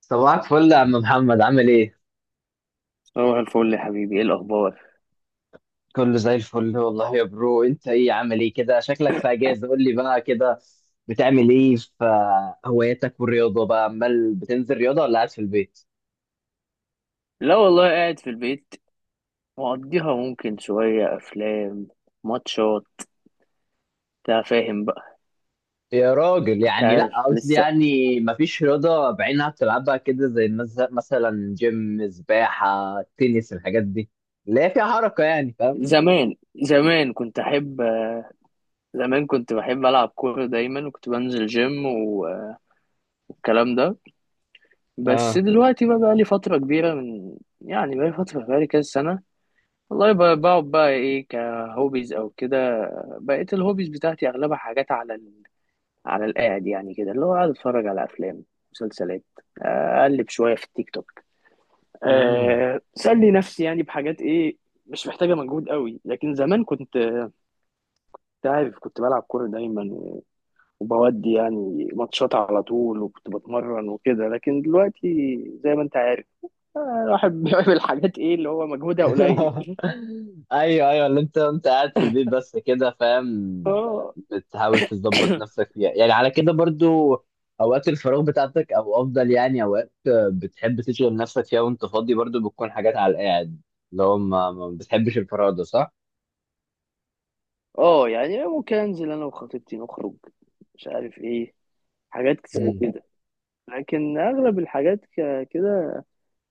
صباحك فل يا عم محمد، عامل ايه؟ صباح الفل يا حبيبي، ايه الاخبار؟ كله زي الفل والله يا برو. انت ايه، عامل ايه كده؟ شكلك في اجازة. قول لي بقى كده، بتعمل ايه في هواياتك والرياضة بقى؟ عمال بتنزل رياضة ولا قاعد في البيت؟ لا والله قاعد في البيت مقضيها، ممكن شويه افلام، ماتشات، انت فاهم بقى. يا راجل، انت يعني عارف لا قصدي، لسه. يعني مفيش رياضة بعينها بتلعبها كده، زي مثلا جيم، سباحة، تنس، الحاجات دي اللي هي فيها حركة، يعني فاهم؟ زمان زمان كنت احب زمان كنت بحب العب كوره دايما، وكنت بنزل جيم والكلام ده. بس اه. دلوقتي بقى لي فتره كبيره من يعني، بقى لي فتره، بقى لي كذا سنه. والله بقعد بقى ايه كهوبيز او كده. بقيت الهوبيز بتاعتي اغلبها حاجات على القاعد، يعني كده اللي هو قاعد اتفرج على افلام، مسلسلات، اقلب شويه في التيك توك، سلي نفسي يعني بحاجات ايه مش محتاجه مجهود قوي. لكن زمان كنت أنت عارف كنت بلعب كوره دايما وبودي يعني ماتشات على طول، وكنت بتمرن وكده. لكن دلوقتي زي ما انت عارف، الواحد بيعمل حاجات ايه اللي هو مجهودها قليل. ايوه ايوه، اللي انت قاعد في البيت بس كده، فاهم. اه. بتحاول تظبط نفسك فيها يعني على كده، برضو اوقات الفراغ بتاعتك، او افضل يعني اوقات بتحب تشغل نفسك فيها وانت فاضي، برضو بتكون حاجات على القاعد، اللي هو ما بتحبش الفراغ ده، صح؟ اه، يعني ممكن انزل انا وخطيبتي نخرج، مش عارف ايه، حاجات زي مم. كده. لكن اغلب الحاجات كده،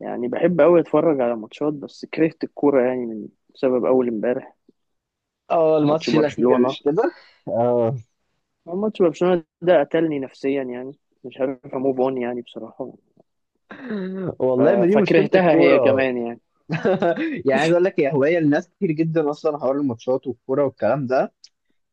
يعني بحب أوي أتفرج على ماتشات. بس كرهت الكورة يعني بسبب أول امبارح، اه، ماتش الماتش الاخير، برشلونة. مش كده؟ اه، هو ماتش برشلونة ده قتلني نفسيا يعني، مش عارف أموف أون يعني بصراحة. ف- والله ما دي مشكله فكرهتها هي الكوره. كمان يعني. يعني عايز اقول لك، هي هوايه لناس كتير جدا اصلا، حوار الماتشات والكوره والكلام ده،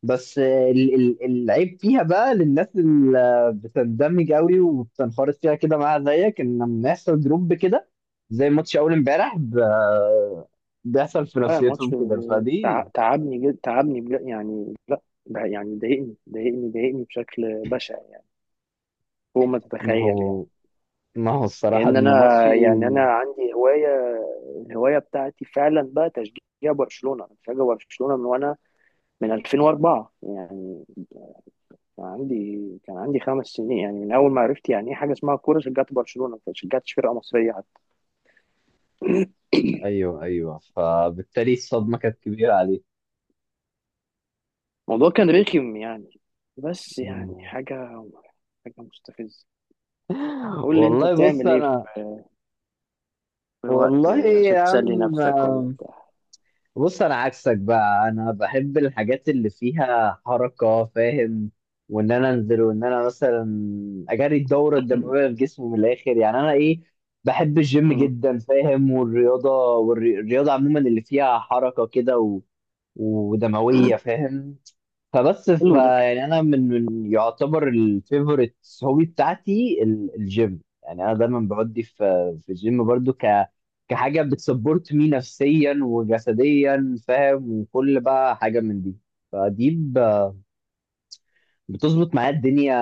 بس العيب فيها بقى للناس اللي بتندمج قوي وبتنخرط فيها كده معاها زيك، ان لما يحصل دروب كده، زي ماتش اول امبارح، بيحصل في نفسيتهم الماتش كده، فدي. تعبني جد، تعبني بجد يعني. لا، ده يعني ضايقني ضايقني ضايقني بشكل بشع يعني، فوق ما ما تتخيل يعني. هو ما هو الصراحة لأن أنا ان ماتشي، يعني أنا عندي هواية، الهواية بتاعتي فعلا بقى تشجيع برشلونة. أنا بشجع برشلونة وأنا من 2004 يعني. كان عندي كان عندي 5 سنين، يعني من اول ما عرفت يعني ايه حاجه اسمها كوره، شجعت برشلونه ما شجعتش فرقه مصريه حتى. ايوه ايوه، فبالتالي الصدمة كانت كبيرة عليه. الموضوع كان رخم يعني، بس يعني حاجه مستفزه. قول لي انت والله بص بتعمل ايه في انا في وقت والله يا عشان تسلي عم، نفسك ولا بتاع. بص انا عكسك بقى، انا بحب الحاجات اللي فيها حركه، فاهم، وان انا انزل وان انا مثلا اجري الدوره الدمويه في جسمي من الاخر، يعني انا ايه، بحب الجيم مم. جدا، فاهم، والرياضه، عموما اللي فيها حركه كده و... ودمويه فاهم. فبس، ف حلو ده. يعني انا من يعتبر الفيفوريت هوبي بتاعتي الجيم، يعني انا دايما بودي في الجيم، برضو ك كحاجه بتسبورت مي نفسيا وجسديا، فاهم، وكل بقى حاجه من دي، فدي ب- بتظبط معايا الدنيا،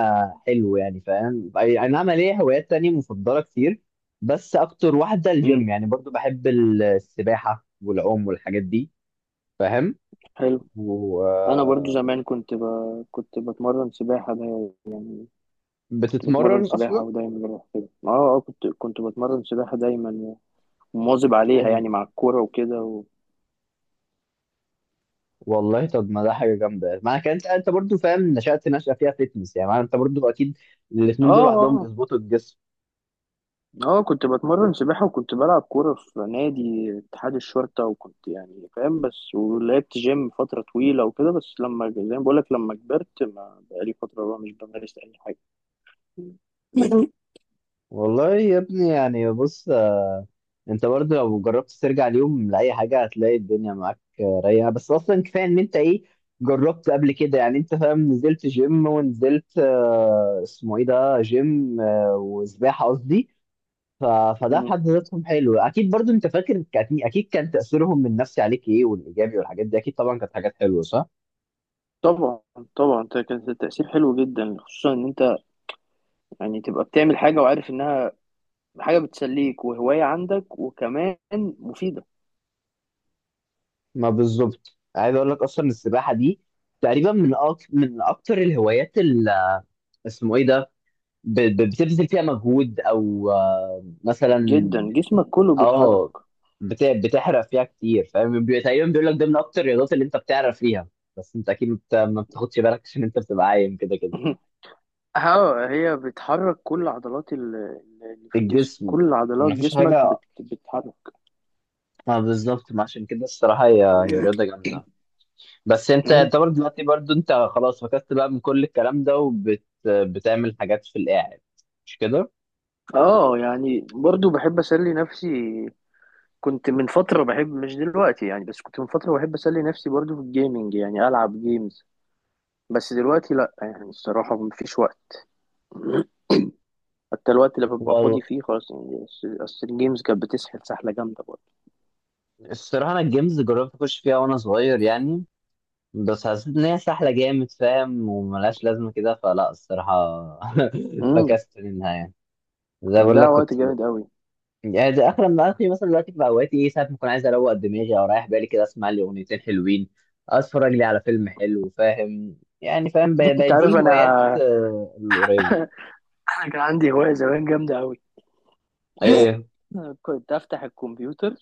حلو يعني، فاهم. أي نعم، ليا هوايات تانية مفضله كتير، بس اكتر واحده مم. الجيم يعني. برضو بحب السباحه والعوم والحاجات دي، فاهم، حلو. و انا برضو زمان كنت بتمرن سباحه دايما، كنت بتمرن بتتمرن اصلا. سباحه ودايما بروح كده. اه اه، كنت بتمرن سباحه دايما ومواظب عليها يعني، مع الكوره وكده. والله طب ما ده حاجه جامده، ما انا انت برضو فاهم، نشأت نشأة فيها فيتنس، يعني ما انت برضو اكيد اه الاثنين دول لوحدهم اه بيظبطوا الجسم. اه، كنت بتمرن سباحة وكنت بلعب كورة في نادي اتحاد الشرطة، وكنت يعني فاهم، بس ولعبت جيم فترة طويلة وكده. بس لما زي ما بقولك لما كبرت ما بقالي فترة بقى مش بمارس أي حاجة. مم. والله يا ابني، يعني بص، انت برضو لو جربت ترجع اليوم لاي حاجه، هتلاقي الدنيا معاك رايقه. بس اصلا كفايه ان انت ايه، جربت قبل كده، يعني انت فاهم، نزلت جيم ونزلت اسمه ايه ده جيم، وسباحه قصدي. ف- فده في مم. حد ذاتهم حلو، اكيد. برضو انت فاكر، اكيد أكيد كان تاثيرهم النفسي عليك ايه، والايجابي والحاجات دي، اكيد طبعا كانت حاجات حلوه، صح؟ طبعا، طبعا ده كان تأثير حلو جدا، خصوصا ان انت يعني تبقى بتعمل حاجة وعارف انها حاجة بتسليك وهواية عندك، وكمان مفيدة ما بالظبط، عايز اقول لك اصلا السباحه دي تقريبا من من اكتر الهوايات اللي اسمه ايه ده، بتبذل فيها مجهود، او مثلا، جدا، جسمك كله بيتحرك. اه بتحرق فيها كتير، فاهم. تقريبا بيقول لك ده من اكتر الرياضات اللي انت بتعرف فيها، بس انت اكيد ما بتاخدش بالك عشان انت بتبقى عايم كده كده اه، هي بتحرك كل عضلات اللي في الجسم، الجسم، كل عضلات ما فيش جسمك حاجه. بتتحرك. ما بالظبط، ما عشان كده الصراحه هي رياضه جامده. بس انت مم. يعتبر دلوقتي برضو انت خلاص فكست بقى من كل الكلام ده، وبتعمل حاجات في القاعد، مش كده؟ اه يعني برضو بحب اسلي نفسي. كنت من فتره بحب، مش دلوقتي يعني، بس كنت من فتره بحب اسلي نفسي برضو في الجيمنج، يعني العب جيمز. بس دلوقتي لا يعني الصراحه مفيش وقت. حتى الوقت اللي ببقى فاضي والله فيه خلاص يعني، أصل الجيمز كانت بتسحل سحله جامده برضه. الصراحة أنا الجيمز جربت أخش فيها وأنا صغير يعني، بس حسيت إن هي سهلة جامد، فاهم، وملهاش لازمة كده، فلا الصراحة امم فكست منها يعني. زي بقول ده لك وقت كنت، جامد قوي. يعني ده آخر ما آخري، مثلا دلوقتي في أوقاتي، إيه، ساعات ما أكون عايز أروق دماغي أو رايح بالي كده، أسمع لي أغنيتين حلوين، أتفرج لي على فيلم حلو، فاهم يعني، فاهم، انت بدي عارف انا. الهوايات القريبة. انا كان عندي هوايه زمان جامده قوي. إيه، كنت افتح الكمبيوتر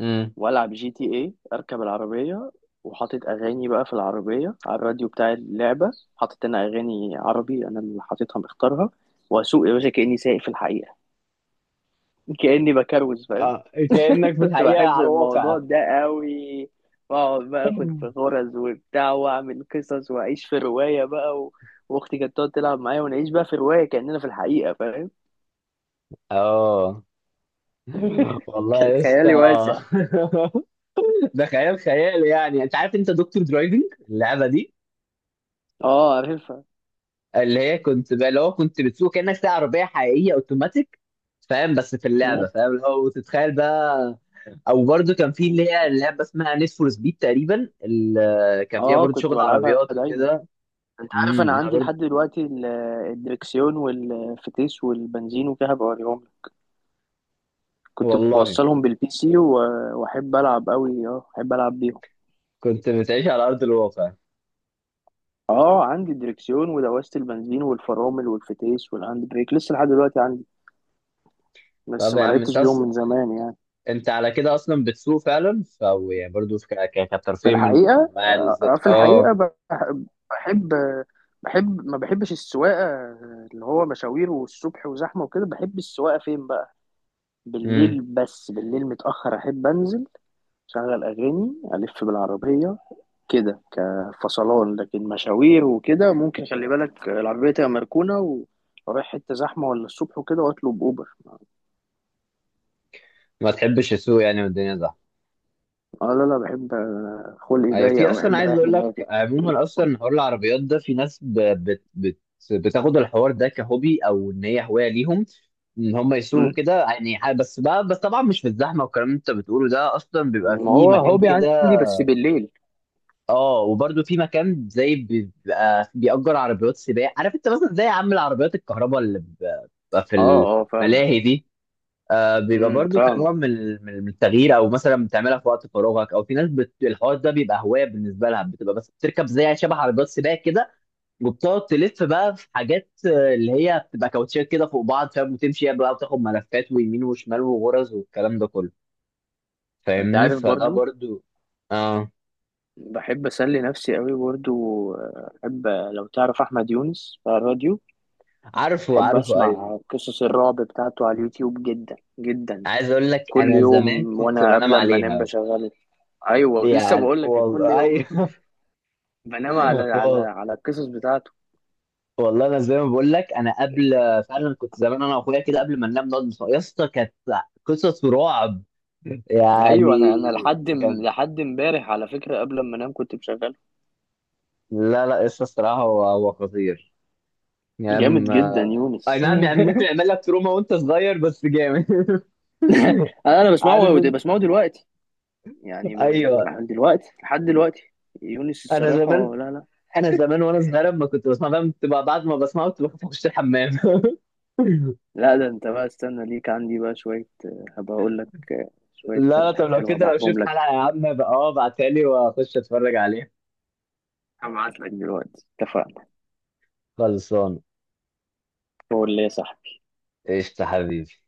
امم والعب GTA، اركب العربيه وحاطط اغاني بقى في العربيه على الراديو بتاع اللعبه، حاطط انا اغاني عربي، انا اللي حاططها مختارها، واسوق يا باشا كاني سايق في الحقيقه. كاني بكروز فاهم. آه، كأنك في كنت الحقيقة بحب على الواقع. الموضوع ده قوي، واقعد بقى اخد في غرز وبتاع واعمل قصص واعيش في روايه بقى واختي كانت تقعد تلعب معايا ونعيش بقى في روايه كاننا في الحقيقه فاهم. اه، والله كان يا خيالي اسطى. واسع. ده خيال، خيال يعني. انت عارف، انت دكتور درايفنج اللعبه دي، اه عارفها. اللي هي كنت بقى، اللي هو كنت بتسوق كانك سايق عربيه حقيقيه اوتوماتيك، فاهم، بس في اللعبه، فاهم، اللي هو، وتتخيل بقى. او برده كان في اللي هي اللعبه اسمها نيد فور سبيد، تقريبا كان فيها اه برده كنت شغل بلعبها عربيات دايما. وكده. انت عارف انا امم، انا عندي برده. لحد دلوقتي الدركسيون والفتيس والبنزين وكده، بوريهم لك. كنت والله بوصلهم بالبي سي، واحب العب قوي. اه احب العب بيهم. كنت بتعيش على ارض الواقع. اه عندي الدركسيون ودواسة البنزين والفرامل والفتيس والهاند بريك لسه لحد دلوقتي عندي، بس طب يا ما عم لعبتش انت، بيهم من زمان يعني. انت على كده اصلا بتسوق فعلا، ف أو يعني برضه في كترفيه من الحقيقة، انواع الذات، في الحقيقة اه. بحب بحب ما بحبش السواقة اللي هو مشاوير والصبح وزحمة وكده. بحب السواقة فين بقى، امم، بالليل. بس بالليل متأخر أحب أنزل أشغل أغاني ألف بالعربية كده كفصلان. لكن مشاوير وكده ممكن خلي بالك العربية تبقى مركونة، ورايح حتة زحمة ولا الصبح وكده، وأطلب أوبر. ما تحبش السوق يعني والدنيا زحمه. أه لا لا، بحب، خلقي ضيق في أو اصلا بحب عايز أريح اقول لك، دماغي. عموما اصلا حوار العربيات ده في ناس بتاخد الحوار ده كهوبي، او ان هي هوايه ليهم، ان هم يسوقوا مم. كده، يعني بس بقى، بس طبعا مش في الزحمه والكلام اللي انت بتقوله ده، اصلا بيبقى ما في هو مكان هوبي كده. عندي بس بالليل. اه، وبرده في مكان زي بيبقى بيأجر عربيات سباق، عارف انت، مثلا زي يا عم العربيات الكهرباء اللي بتبقى في أه أه فاهمة. الملاهي دي. بيبقى برضو فاهمة. كنوع من من التغيير، او مثلا بتعملها في وقت فراغك، او في ناس الحوار ده بيبقى هوايه بالنسبه لها، بتبقى بس بتركب زي شبه عربيات سباق كده، وبتقعد تلف بقى في حاجات اللي هي بتبقى كاوتشات كده فوق بعض، فاهم، وتمشي بقى وتاخد ملفات ويمين وشمال وغرز والكلام ده كله، أنت فاهمني، عارف فده برضو برضو. اه، بحب أسلي نفسي قوي برضو، أحب لو تعرف أحمد يونس بتاع الراديو، عارفه بحب عارفه، ايوه. اسمع قصص الرعب بتاعته على اليوتيوب جدا جدا. عايز اقول لك، كل انا زمان يوم كنت وانا بنام قبل ما انام عليها، بشغله. ايوه لسه يعني بقول لك كل والله. يوم. بنام على على وال- على القصص بتاعته. والله انا زي ما بقول لك، انا قبل فعلا كنت زمان، انا واخويا كده قبل ما ننام نقعد يا اسطى كانت قصص رعب ايوه، انا يعني، انا لحد كان... لحد امبارح على فكره قبل ما انام كنت بشغله. لا لا، قصة الصراحة هو خطير، يعني جامد جدا اي يونس. نعم، يعني ممكن يعمل لك تروما وانت صغير، بس جامد. انا عارف بسمعه انت؟ بسمعه دلوقتي، يعني ايوه دلوقتي لحد دلوقتي. يونس انا زمان، الصراحه، لا لا. وانا صغير لما كنت بسمع، فاهم، تبقى بعد ما بسمعه كنت بخاف اخش الحمام. لا ده انت بقى استنى ليك عندي بقى شويه، هبقى اقول لك شويه لا لا، طب ترشيحات لو حلوه كده، لو هبعتهم شفت لك. حلقة يا عم بقى، اه ابعتها لي واخش اتفرج عليها. هبعت لك دلوقتي، اتفقنا. خلصان. هو اللي صح. قشطة حبيبي.